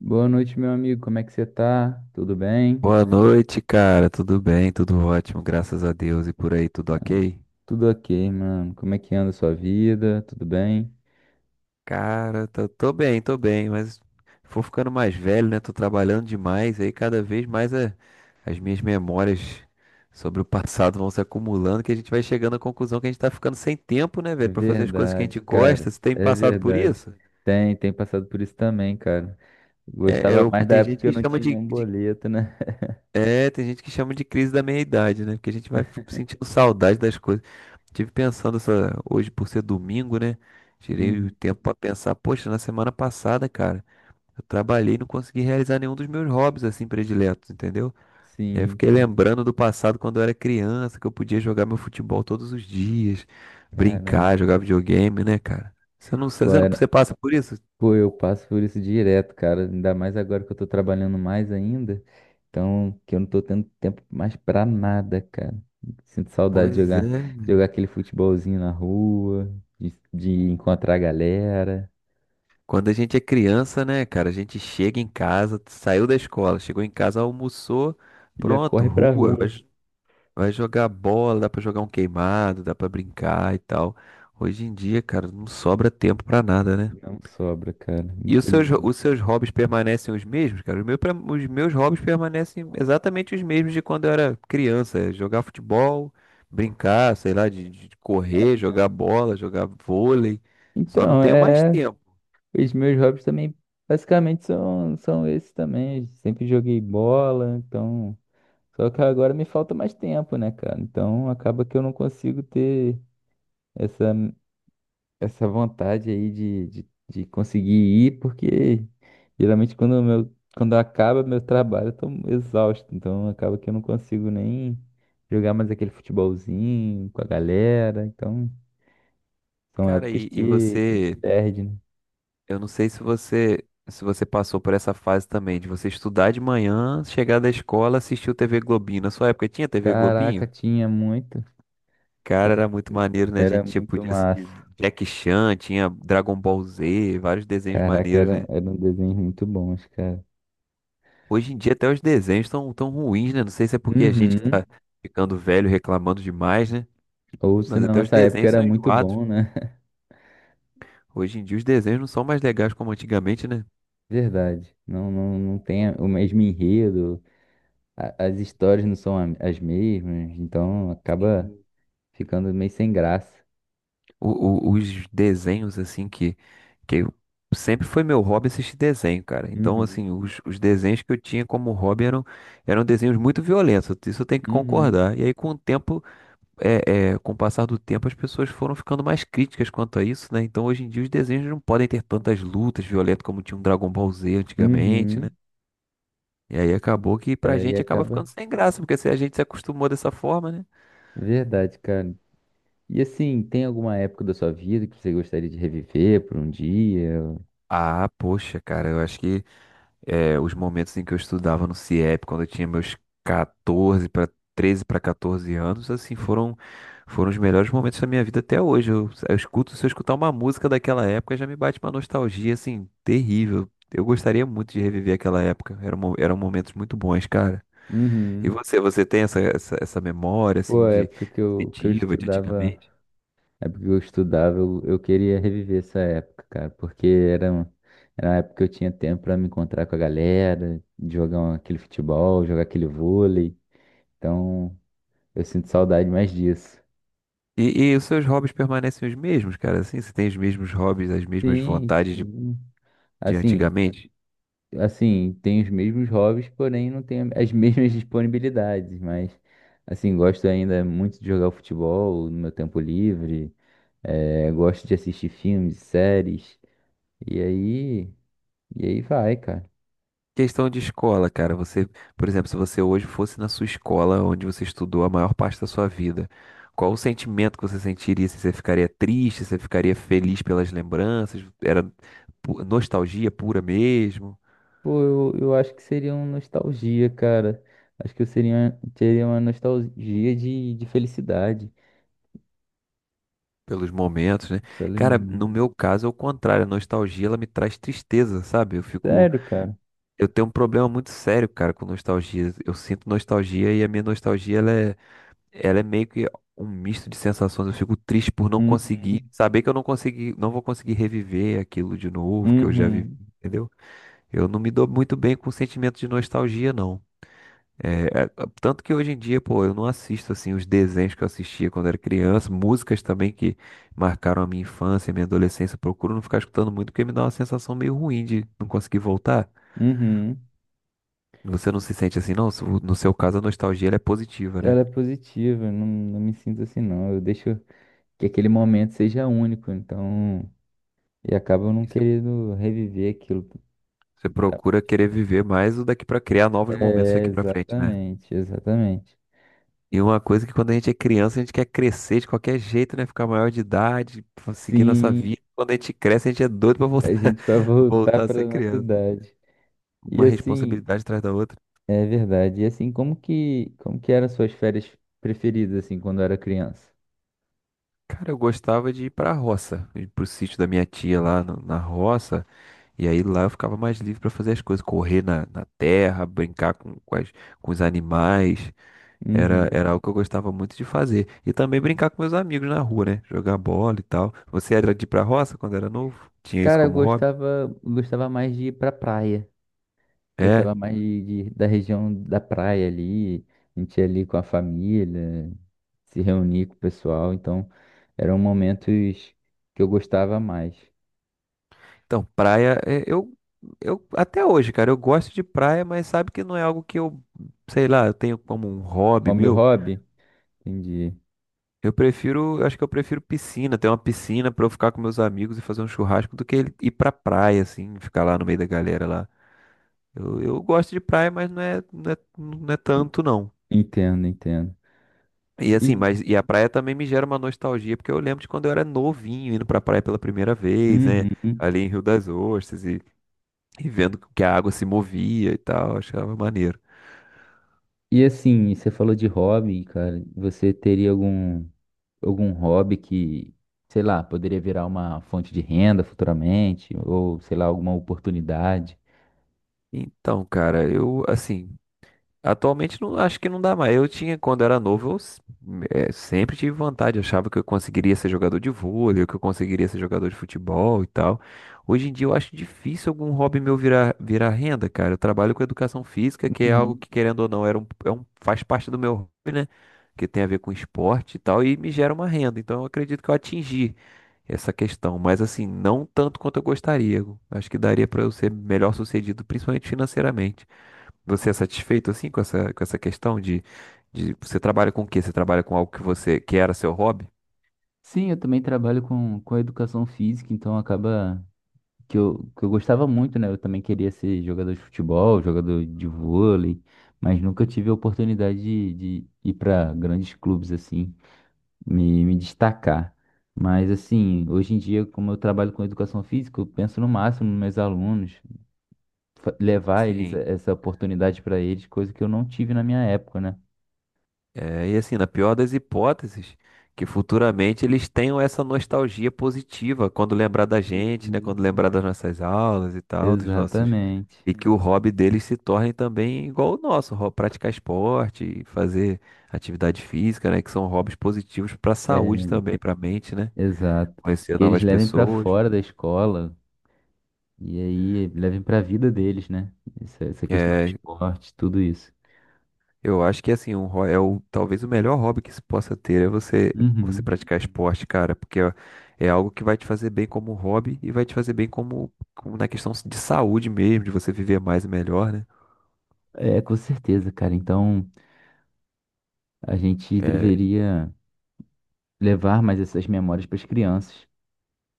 Boa noite, meu amigo. Como é que você tá? Tudo bem? Boa noite, cara. Tudo bem? Tudo ótimo, graças a Deus. E por aí, tudo ok? Tudo ok, mano. Como é que anda a sua vida? Tudo bem? Cara, tô bem, mas vou ficando mais velho, né? Tô trabalhando demais, aí cada vez mais é- as minhas memórias sobre o passado vão se acumulando, que a gente vai chegando à conclusão que a gente tá ficando sem tempo, né, velho, pra fazer as coisas que a gente Verdade, cara. gosta. Você tem É passado por verdade. isso? Tem passado por isso também, cara. É, é Gostava o- mais da tem época gente que eu que não chama tinha nenhum de boleto, né? É, tem gente que chama de crise da meia-idade, né? Porque a gente vai sentindo saudade das coisas. Hoje por ser domingo, né? Tirei o Uhum. tempo pra pensar, poxa, na semana passada, cara, eu trabalhei e não consegui realizar nenhum dos meus hobbies assim prediletos, entendeu? E aí eu Sim, fiquei cara. lembrando do passado quando eu era criança, que eu podia jogar meu futebol todos os dias, Caramba. brincar, jogar videogame, né, cara? Você não, você Pô, não, era- Você passa por isso? Pô, eu passo por isso direto, cara. Ainda mais agora que eu tô trabalhando mais ainda. Então, que eu não tô tendo tempo mais pra nada, cara. Sinto saudade de Pois jogar, é. jogar aquele futebolzinho na rua, de encontrar a galera. Quando a gente é criança, né, cara, a gente chega em casa, saiu da escola, chegou em casa, almoçou, Já pronto, corre pra rua, rua. Vai jogar bola, dá pra jogar um queimado, dá pra brincar e tal. Hoje em dia, cara, não sobra tempo pra nada, né? Não sobra, cara. E Infeliz. os seus hobbies permanecem os mesmos, cara? Os meus hobbies permanecem exatamente os mesmos de quando eu era criança. É jogar futebol, brincar, sei lá, de correr, jogar bola, jogar vôlei. Só não Então, tenho mais é. tempo. Os meus hobbies também, basicamente, são esses também. Sempre joguei bola, então. Só que agora me falta mais tempo, né, cara? Então, acaba que eu não consigo ter essa. Essa vontade aí de conseguir ir, porque geralmente quando quando acaba meu trabalho, eu tô exausto, então acaba que eu não consigo nem jogar mais aquele futebolzinho com a galera, então são Cara, épocas e que a gente você? perde, né? Eu não sei se você passou por essa fase também, de você estudar de manhã, chegar da escola, assistir o TV Globinho. Na sua época tinha TV Caraca, Globinho? tinha muito, Cara, era muito maneiro, né? A gente era tinha, muito podia assistir massa. Jack Chan, tinha Dragon Ball Z, vários desenhos Caraca, maneiros, era, né? era um desenho muito bom, cara. Hoje em dia até os desenhos estão tão tão ruins, né? Não sei se é porque a gente que Uhum. tá ficando velho reclamando demais, né? Ou se Mas na até os nossa época desenhos era são muito enjoados. bom, né? Hoje em dia os desenhos não são mais legais como antigamente, né? Verdade. Não, não, não tem o mesmo enredo. As histórias não são as mesmas, então acaba Sim. ficando meio sem graça. Os desenhos, assim, que eu- sempre foi meu hobby assistir desenho, cara. Então, Uhum, assim, os desenhos que eu tinha como hobby eram, eram desenhos muito violentos, isso eu tenho que uhum, concordar. E aí, com o tempo, com o passar do tempo, as pessoas foram ficando mais críticas quanto a isso, né? Então, hoje em dia, os desenhos não podem ter tantas lutas violentas como tinha um Dragon Ball Z antigamente, né? uhum. E aí acabou que pra É, e gente acaba acaba. ficando sem graça, porque se a gente se acostumou dessa forma, né? Verdade, cara. E assim, tem alguma época da sua vida que você gostaria de reviver por um dia? Ah, poxa, cara, eu acho que é, os momentos em que eu estudava no CIEP, quando eu tinha meus 14 para 13 para 14 anos, assim, foram os melhores momentos da minha vida até hoje. Eu escuto, se eu escutar uma música daquela época, já me bate uma nostalgia, assim, terrível. Eu gostaria muito de reviver aquela época. Eram momentos muito bons, cara. E Uhum. você, essa memória, Pô, assim, a época que eu afetiva de estudava, antigamente? a época que eu estudava, eu queria reviver essa época, cara, era uma época que eu tinha tempo pra me encontrar com a galera, de aquele futebol, jogar aquele vôlei. Então, eu sinto saudade mais disso. E os seus hobbies permanecem os mesmos, cara? Assim, você tem os mesmos hobbies, as mesmas Sim, vontades sim. de Assim, antigamente? assim, tem os mesmos hobbies, porém não tem as mesmas disponibilidades, mas assim, gosto ainda muito de jogar futebol no meu tempo livre, gosto de assistir filmes, séries, e aí, e aí vai, cara. Questão de escola, cara. Por exemplo, se você hoje fosse na sua escola onde você estudou a maior parte da sua vida, qual o sentimento que você sentiria? Se você ficaria triste, se você ficaria feliz pelas lembranças? Nostalgia pura mesmo, Pô, eu acho que seria uma nostalgia, cara. Acho que eu seria, teria uma nostalgia de felicidade. pelos momentos, né? Pelos Cara, momentos. no meu caso é o contrário. A nostalgia, ela me traz tristeza, sabe? Sério, cara. Eu tenho um problema muito sério, cara, com nostalgia. Eu sinto nostalgia e a minha nostalgia, ela é meio que um misto de sensações. Eu fico triste por não Uhum, conseguir, saber que eu não consegui, não vou conseguir reviver aquilo de novo que eu já vivi, uhum, entendeu? Eu não me dou muito bem com o sentimento de nostalgia, não. É, é, Tanto que hoje em dia, pô, eu não assisto assim os desenhos que eu assistia quando era criança, músicas também que marcaram a minha infância, a minha adolescência. Eu procuro não ficar escutando muito porque me dá uma sensação meio ruim de não conseguir voltar. uhum. Você não se sente assim, não? No seu caso, a nostalgia ela é positiva, né? Ela é positiva, não, não me sinto assim não. Eu deixo que aquele momento seja único, então. E acaba eu não querendo reviver aquilo. Você procura querer viver mais o daqui pra criar novos momentos É, daqui pra frente, né? exatamente, exatamente. E uma coisa que quando a gente é criança, a gente quer crescer de qualquer jeito, né? Ficar maior de idade, seguir nossa Sim, vida. Quando a gente cresce, a gente é doido pra a voltar, gente vai voltar voltar a ser para nossa criança. idade. E Uma assim, responsabilidade atrás da outra. é verdade. E assim, como como que eram suas férias preferidas assim quando era criança? Cara, eu gostava de ir pra roça, ir pro sítio da minha tia lá no- na roça. E aí lá eu ficava mais livre pra fazer as coisas, correr na terra, brincar com os animais. Uhum. Era algo que eu gostava muito de fazer. E também brincar com meus amigos na rua, né? Jogar bola e tal. Você era de ir pra roça quando era novo? Tinha isso Cara, eu como hobby? gostava, gostava mais de ir pra praia. É. Gostava mais da região da praia ali, a gente ia ali com a família, se reunir com o pessoal, então eram momentos que eu gostava mais. Então, praia, eu até hoje, cara, eu gosto de praia, mas sabe que não é algo que eu, sei lá, eu tenho como um hobby Como meu meu. hobby? Entendi. Eu prefiro, acho que eu prefiro piscina, ter uma piscina pra eu ficar com meus amigos e fazer um churrasco do que ele ir pra praia, assim, ficar lá no meio da galera lá. Eu gosto de praia, mas não é tanto, não. Entendo, entendo. E assim, E, mas e a praia também me gera uma nostalgia, porque eu lembro de quando eu era novinho indo pra praia pela primeira vez, né? uhum. Ali em Rio das Ostras e vendo que a água se movia e tal, achava maneiro. E assim, você falou de hobby, cara, você teria algum, algum hobby que, sei lá, poderia virar uma fonte de renda futuramente, ou sei lá, alguma oportunidade? Então, cara, eu assim, atualmente não, acho que não dá mais. Eu tinha, quando era novo, sempre tive vontade, achava que eu conseguiria ser jogador de vôlei, que eu conseguiria ser jogador de futebol e tal. Hoje em dia eu acho difícil algum hobby meu virar renda, cara. Eu trabalho com educação física, que é algo que, querendo ou não, é um, faz parte do meu hobby, né? Que tem a ver com esporte e tal, e me gera uma renda. Então eu acredito que eu atingi essa questão, mas assim, não tanto quanto eu gostaria. Acho que daria pra eu ser melhor sucedido, principalmente financeiramente. Você é satisfeito assim com essa questão de você trabalha com o quê? Você trabalha com algo que você que era seu hobby? Sim, eu também trabalho com educação física, então acaba que eu gostava muito, né? Eu também queria ser jogador de futebol, jogador de vôlei, mas nunca tive a oportunidade de ir para grandes clubes assim, me destacar. Mas assim, hoje em dia, como eu trabalho com educação física, eu penso no máximo nos meus alunos, levar eles Sim. essa oportunidade para eles, coisa que eu não tive na minha época, né? É, e assim, na pior das hipóteses, que futuramente eles tenham essa nostalgia positiva quando lembrar da gente, né? Sim, Quando lembrar sim. das nossas aulas e tal, dos nossos. Exatamente. E que o hobby deles se torne também igual o nosso, praticar esporte, fazer atividade física, né? Que são hobbies positivos para a saúde É, também, para a mente, né? exato. Conhecer Que eles novas levem pra pessoas. fora da escola e aí levem pra vida deles, né? Essa questão do É, esporte, tudo isso. eu acho que assim, talvez o melhor hobby que se possa ter é você Uhum. praticar esporte, cara, porque é algo que vai te fazer bem como hobby e vai te fazer bem como, como na questão de saúde mesmo, de você viver mais e melhor, né? É, com certeza, cara. Então a gente É, deveria levar mais essas memórias para as crianças.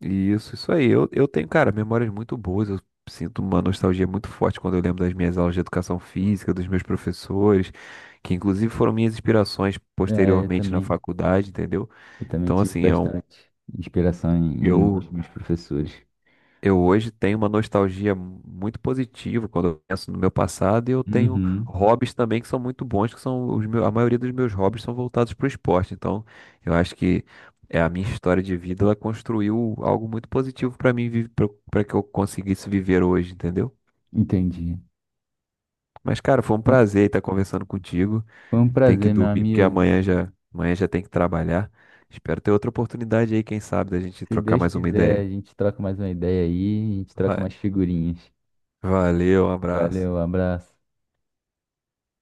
isso aí. Eu tenho, cara, memórias muito boas. Eu sinto uma nostalgia muito forte quando eu lembro das minhas aulas de educação física, dos meus professores, que inclusive foram minhas inspirações É, eu posteriormente na também. faculdade, entendeu? Eu também Então, tive assim, é um, bastante inspiração em eu nos meus professores. Eu hoje tenho uma nostalgia muito positiva quando eu penso no meu passado e eu tenho Uhum. hobbies também que são muito bons, que são os meus, a maioria dos meus hobbies são voltados para o esporte. Então, eu acho que é a minha história de vida, ela construiu algo muito positivo para mim, para que eu conseguisse viver hoje, entendeu? Entendi. Mas, cara, foi um Então, prazer estar conversando contigo. foi um Eu tenho que prazer, meu dormir porque amigo. Amanhã já tem que trabalhar. Espero ter outra oportunidade aí, quem sabe, da gente Se trocar Deus mais uma quiser, ideia. a gente troca mais uma ideia aí, a gente troca Va- mais figurinhas. Valeu, um abraço. Valeu, abraço.